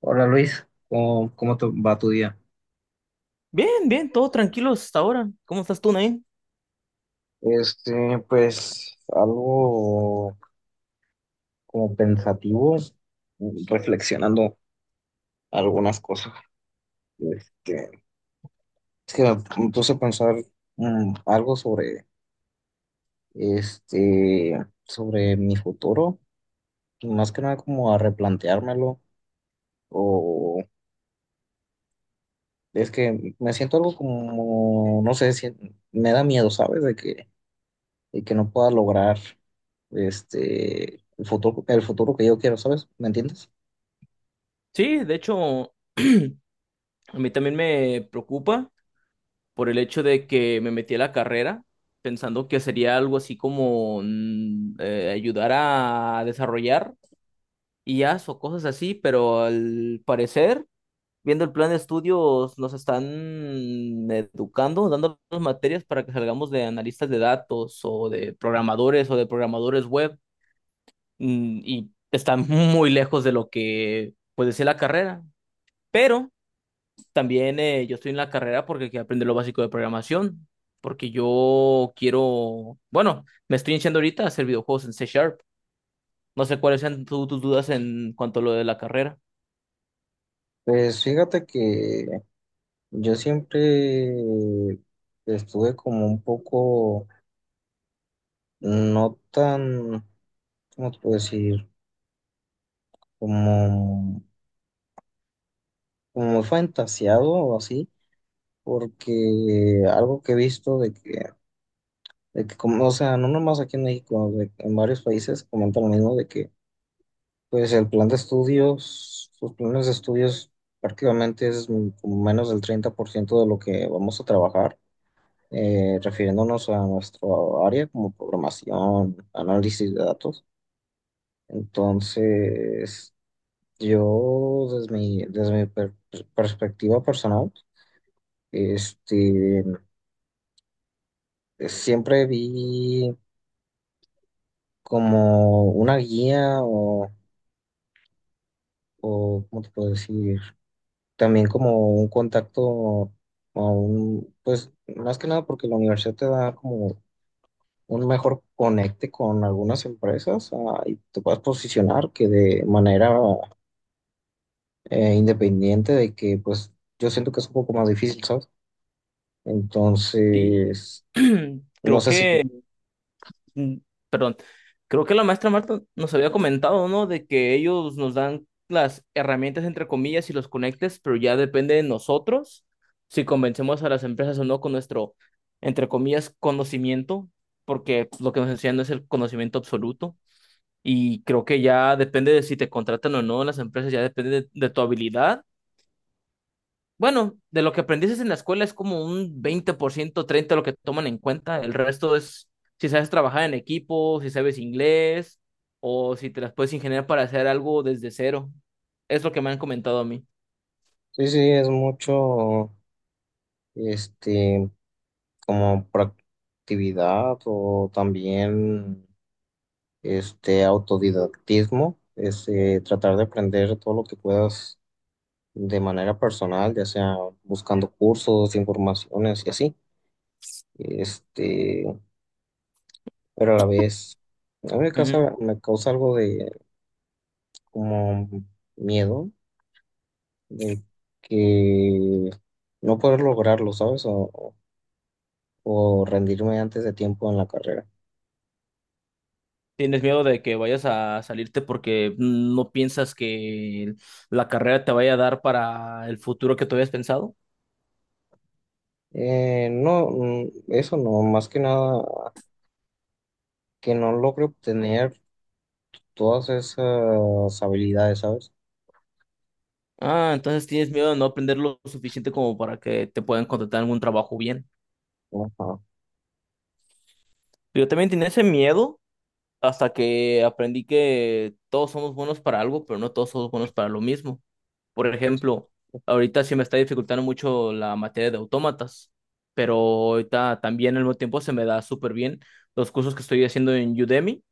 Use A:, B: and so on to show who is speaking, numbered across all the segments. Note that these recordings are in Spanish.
A: Hola Luis, ¿cómo, cómo te va tu día?
B: Bien, bien, todo tranquilo hasta ahora. ¿Cómo estás tú, Nain?
A: Pues algo como pensativo, reflexionando algunas cosas. Este, es que me puse a pensar algo sobre este, sobre mi futuro, y más que nada como a replanteármelo, o es que me siento algo como, no sé, me da miedo, ¿sabes? De que Y que no pueda lograr el futuro que yo quiero, ¿sabes? ¿Me entiendes?
B: Sí, de hecho, a mí también me preocupa por el hecho de que me metí a la carrera pensando que sería algo así como ayudar a desarrollar I as o cosas así, pero al parecer, viendo el plan de estudios, nos están educando, dando las materias para que salgamos de analistas de datos o de programadores web. Y está muy lejos de lo que puede ser la carrera. Pero también yo estoy en la carrera porque quiero aprender lo básico de programación, porque yo quiero, bueno, me estoy iniciando ahorita a hacer videojuegos en C Sharp. No sé cuáles sean tus dudas en cuanto a lo de la carrera.
A: Pues fíjate que yo siempre estuve como un poco, no tan, ¿cómo te puedo decir? Como, como muy fantasiado o así, porque algo que he visto de que como, o sea, no nomás aquí en México, en varios países comentan lo mismo de que pues el plan de estudios, sus planes de estudios prácticamente es como menos del 30% de lo que vamos a trabajar, refiriéndonos a nuestro área como programación, análisis de datos. Entonces, yo desde mi perspectiva personal, este, siempre vi como una guía o ¿cómo te puedo decir? También como un contacto a un, pues más que nada porque la universidad te da como un mejor conecte con algunas empresas, y te puedas posicionar que de manera independiente de que pues yo siento que es un poco más difícil, ¿sabes?
B: Y
A: Entonces, no
B: creo
A: sé si tú,
B: que mm, perdón, creo que la maestra Marta nos había comentado, ¿no? De que ellos nos dan las herramientas, entre comillas, y los conectes, pero ya depende de nosotros si convencemos a las empresas o no con nuestro, entre comillas, conocimiento, porque lo que nos enseñan no es el conocimiento absoluto. Y creo que ya depende de si te contratan o no en las empresas, ya depende de tu habilidad, bueno, de lo que aprendiste en la escuela es como un 20%, 30% lo que toman en cuenta. El resto es si sabes trabajar en equipo, si sabes inglés o si te las puedes ingeniar para hacer algo desde cero. Es lo que me han comentado a mí.
A: sí, sí, es mucho, este, como proactividad o también este autodidactismo, es tratar de aprender todo lo que puedas de manera personal, ya sea buscando cursos, informaciones y así. Este, pero a la vez, a mí me
B: Ujú.
A: causa, me causa algo de como miedo de que no poder lograrlo, ¿sabes? O rendirme antes de tiempo en la carrera.
B: ¿Tienes miedo de que vayas a salirte porque no piensas que la carrera te vaya a dar para el futuro que tú habías pensado?
A: No, eso no, más que nada que no logre obtener todas esas habilidades, ¿sabes?
B: Ah, entonces tienes miedo de no aprender lo suficiente como para que te puedan contratar en algún trabajo bien.
A: Ajá.
B: Yo también tenía ese miedo hasta que aprendí que todos somos buenos para algo, pero no todos somos buenos para lo mismo. Por ejemplo, ahorita sí me está dificultando mucho la materia de autómatas, pero ahorita también al mismo tiempo se me da súper bien los cursos que estoy haciendo en Udemy,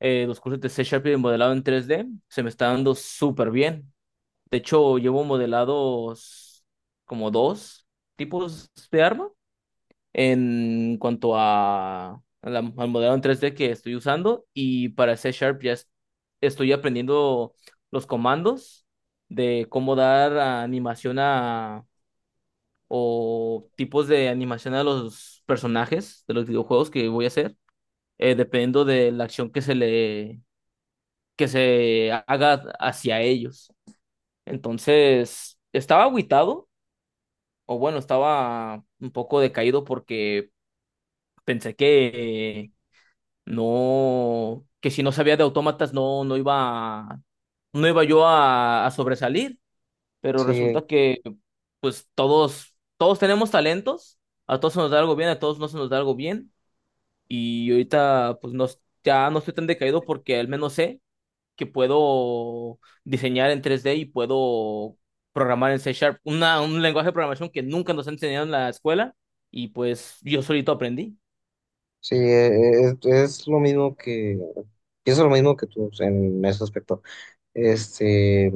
B: los cursos de C Sharp y de modelado en 3D se me está dando súper bien. De hecho, llevo modelados como dos tipos de arma en cuanto al modelo en 3D que estoy usando y para C Sharp estoy aprendiendo los comandos de cómo dar animación a o tipos de animación a los personajes de los videojuegos que voy a hacer, dependiendo de la acción que se haga hacia ellos. Entonces, estaba agüitado, o bueno, estaba un poco decaído porque pensé que no, que si no sabía de autómatas, no, no iba yo a sobresalir, pero
A: Sí,
B: resulta que pues todos tenemos talentos, a todos se nos da algo bien, a todos no se nos da algo bien, y ahorita pues no, ya no estoy tan decaído porque al menos sé que puedo diseñar en 3D y puedo programar en C Sharp, un lenguaje de programación que nunca nos han enseñado en la escuela, y pues yo solito aprendí.
A: sí, es lo mismo que, pienso lo mismo que tú en ese aspecto. Este,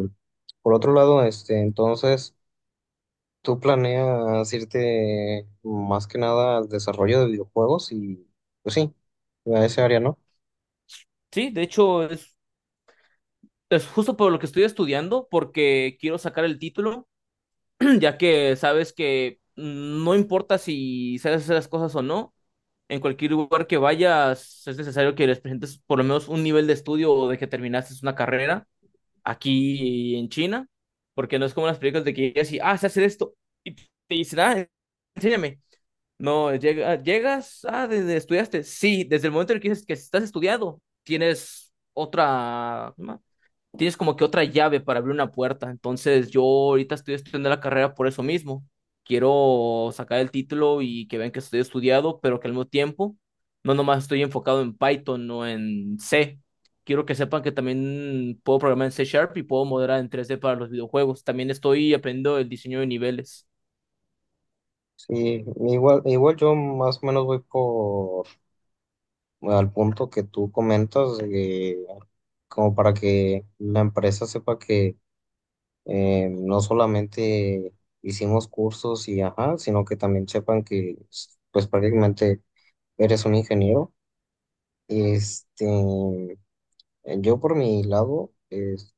A: por otro lado, entonces, ¿tú planeas irte más que nada al desarrollo de videojuegos? Y, pues sí, a ese área, ¿no?
B: Sí, de hecho es justo por lo que estoy estudiando, porque quiero sacar el título, ya que sabes que no importa si sabes hacer las cosas o no, en cualquier lugar que vayas es necesario que les presentes por lo menos un nivel de estudio o de que terminaste una carrera aquí en China, porque no es como las películas de que llegas y, ah, sé hacer esto, y te dicen, ah, enséñame. No, llega, llegas, ah, desde estudiaste. Sí, desde el momento en el que dices que estás estudiado, tienes otra, tienes como que otra llave para abrir una puerta. Entonces, yo ahorita estoy estudiando la carrera por eso mismo. Quiero sacar el título y que vean que estoy estudiado, pero que al mismo tiempo no nomás estoy enfocado en Python o en C. Quiero que sepan que también puedo programar en C Sharp y puedo modelar en 3D para los videojuegos. También estoy aprendiendo el diseño de niveles.
A: Sí, igual, igual yo más o menos voy por al punto que tú comentas, como para que la empresa sepa que no solamente hicimos cursos y ajá, sino que también sepan que pues prácticamente eres un ingeniero. Este, yo por mi lado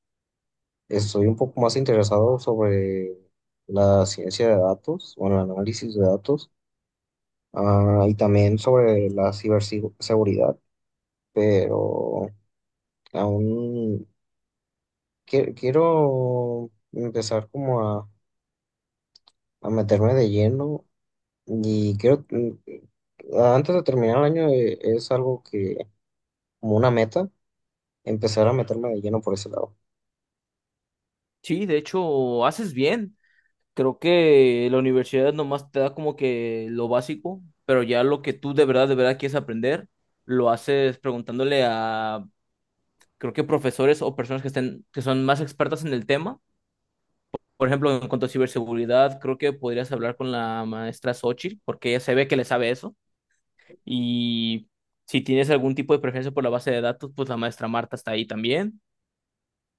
A: estoy un poco más interesado sobre la ciencia de datos o el análisis de datos, y también sobre la ciberseguridad, pero aún quiero empezar como a meterme de lleno. Y creo que, antes de terminar el año, es algo que, como una meta, empezar a meterme de lleno por ese lado.
B: Sí, de hecho, haces bien. Creo que la universidad nomás te da como que lo básico, pero ya lo que tú de verdad quieres aprender, lo haces preguntándole a, creo que profesores o personas que estén, que son más expertas en el tema. Por ejemplo, en cuanto a ciberseguridad, creo que podrías hablar con la maestra Xochitl, porque ella se ve que le sabe eso. Y si tienes algún tipo de preferencia por la base de datos, pues la maestra Marta está ahí también.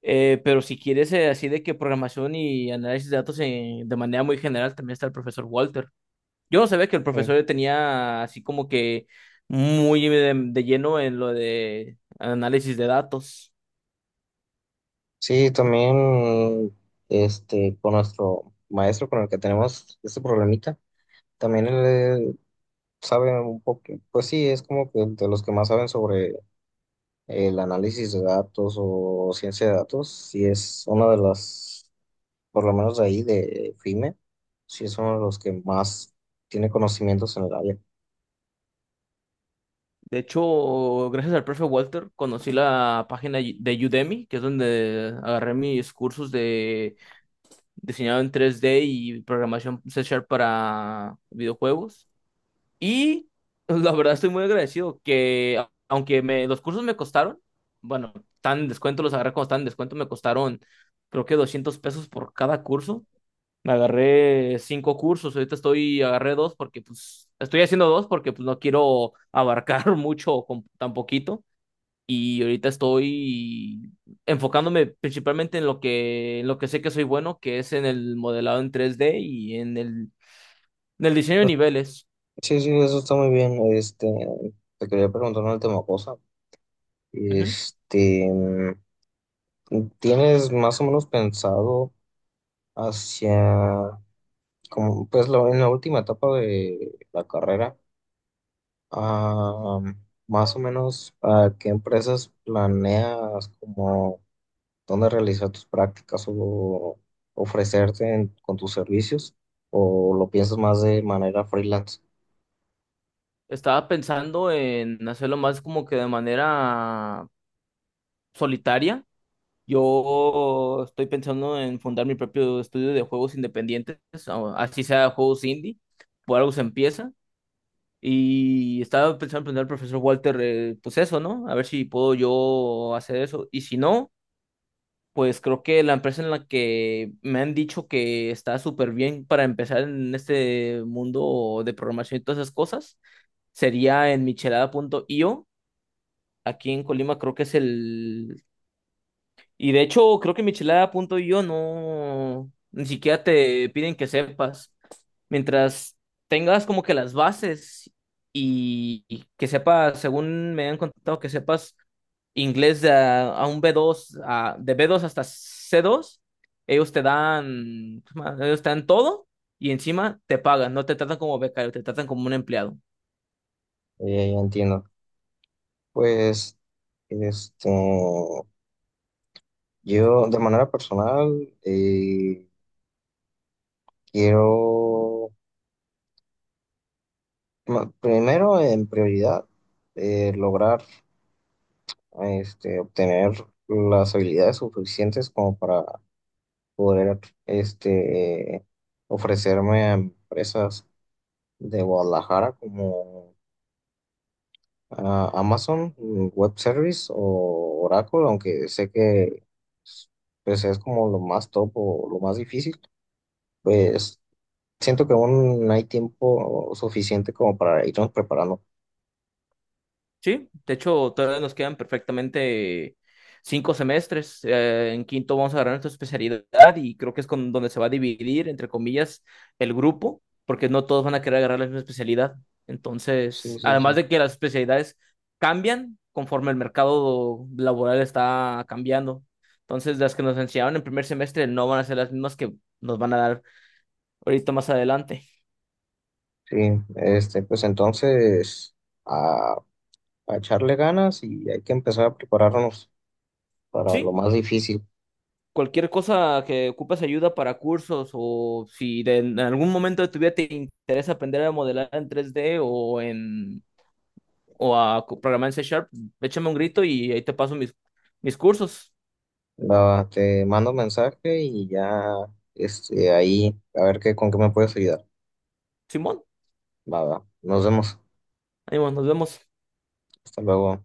B: Pero si quieres así de que programación y análisis de datos de manera muy general, también está el profesor Walter. Yo no sabía que el
A: Eh,
B: profesor tenía así como que muy de lleno en lo de análisis de datos.
A: Sí, también con nuestro maestro con el que tenemos este problemita, también él eh, sabe un poco, pues sí, es como que de los que más saben sobre el análisis de datos o ciencia de datos, sí es una de las, por lo menos de ahí, de FIME, sí es uno de los que más tiene conocimientos en el área.
B: De hecho, gracias al profe Walter, conocí la página de Udemy, que es donde agarré mis cursos de diseñado en 3D y programación C Sharp para videojuegos. Y la verdad estoy muy agradecido que, aunque me, los cursos me costaron, bueno, tan en descuento, los agarré cuando estaban en descuento, me costaron creo que 200 pesos por cada curso. Me agarré cinco cursos, ahorita estoy, agarré dos porque pues estoy haciendo dos porque pues no quiero abarcar mucho con tan poquito y ahorita estoy enfocándome principalmente en lo que sé que soy bueno, que es en el modelado en 3D y en el diseño de niveles.
A: Sí, sí, eso está muy bien. Te quería preguntar una última cosa.
B: Ujú.
A: Este, mm, ¿Tienes más o menos pensado hacia, como, pues, en la última etapa de la carrera, ah, más o menos a qué empresas planeas, como, dónde realizar tus prácticas o ofrecerte con tus servicios? ¿O lo piensas más de manera freelance?
B: Estaba pensando en hacerlo más como que de manera solitaria. Yo estoy pensando en fundar mi propio estudio de juegos independientes, o así sea juegos indie, por algo se empieza. Y estaba pensando en preguntar al profesor Walter, pues eso, ¿no? A ver si puedo yo hacer eso. Y si no, pues creo que la empresa en la que me han dicho que está súper bien para empezar en este mundo de programación y todas esas cosas, sería en michelada.io. Aquí en Colima creo que es el. Y de hecho, creo que michelada.io no, ni siquiera te piden que sepas. Mientras tengas como que las bases y que sepas, según me han contado, que sepas inglés de a un B2 de B2 hasta C2, ellos te dan, ellos te dan todo y encima te pagan, no te tratan como becario, te tratan como un empleado.
A: Ya entiendo. Pues… Este, yo, de manera personal, quiero, primero, en prioridad, lograr obtener las habilidades suficientes como para poder este, ofrecerme a empresas de Guadalajara como, Amazon, Web Service o Oracle, aunque sé que pues, es como lo más top o lo más difícil. Pues siento que aún hay tiempo suficiente como para irnos preparando.
B: Sí, de hecho, todavía nos quedan perfectamente 5 semestres. En quinto vamos a agarrar nuestra especialidad y creo que es con donde se va a dividir, entre comillas, el grupo, porque no todos van a querer agarrar la misma especialidad.
A: Sí,
B: Entonces,
A: sí,
B: además
A: sí.
B: de que las especialidades cambian conforme el mercado laboral está cambiando. Entonces, las que nos enseñaron en primer semestre no van a ser las mismas que nos van a dar ahorita más adelante.
A: Sí, pues entonces a, a echarle ganas y hay que empezar a prepararnos para lo
B: Sí,
A: más difícil.
B: cualquier cosa que ocupes ayuda para cursos o si en algún momento de tu vida te interesa aprender a modelar en 3D o en o a programar en C Sharp, échame un grito y ahí te paso mis cursos.
A: Va, te mando mensaje y ya, ahí a ver qué, con qué me puedes ayudar.
B: Simón,
A: Va, va. Nos vemos.
B: ahí nos vemos.
A: Hasta luego.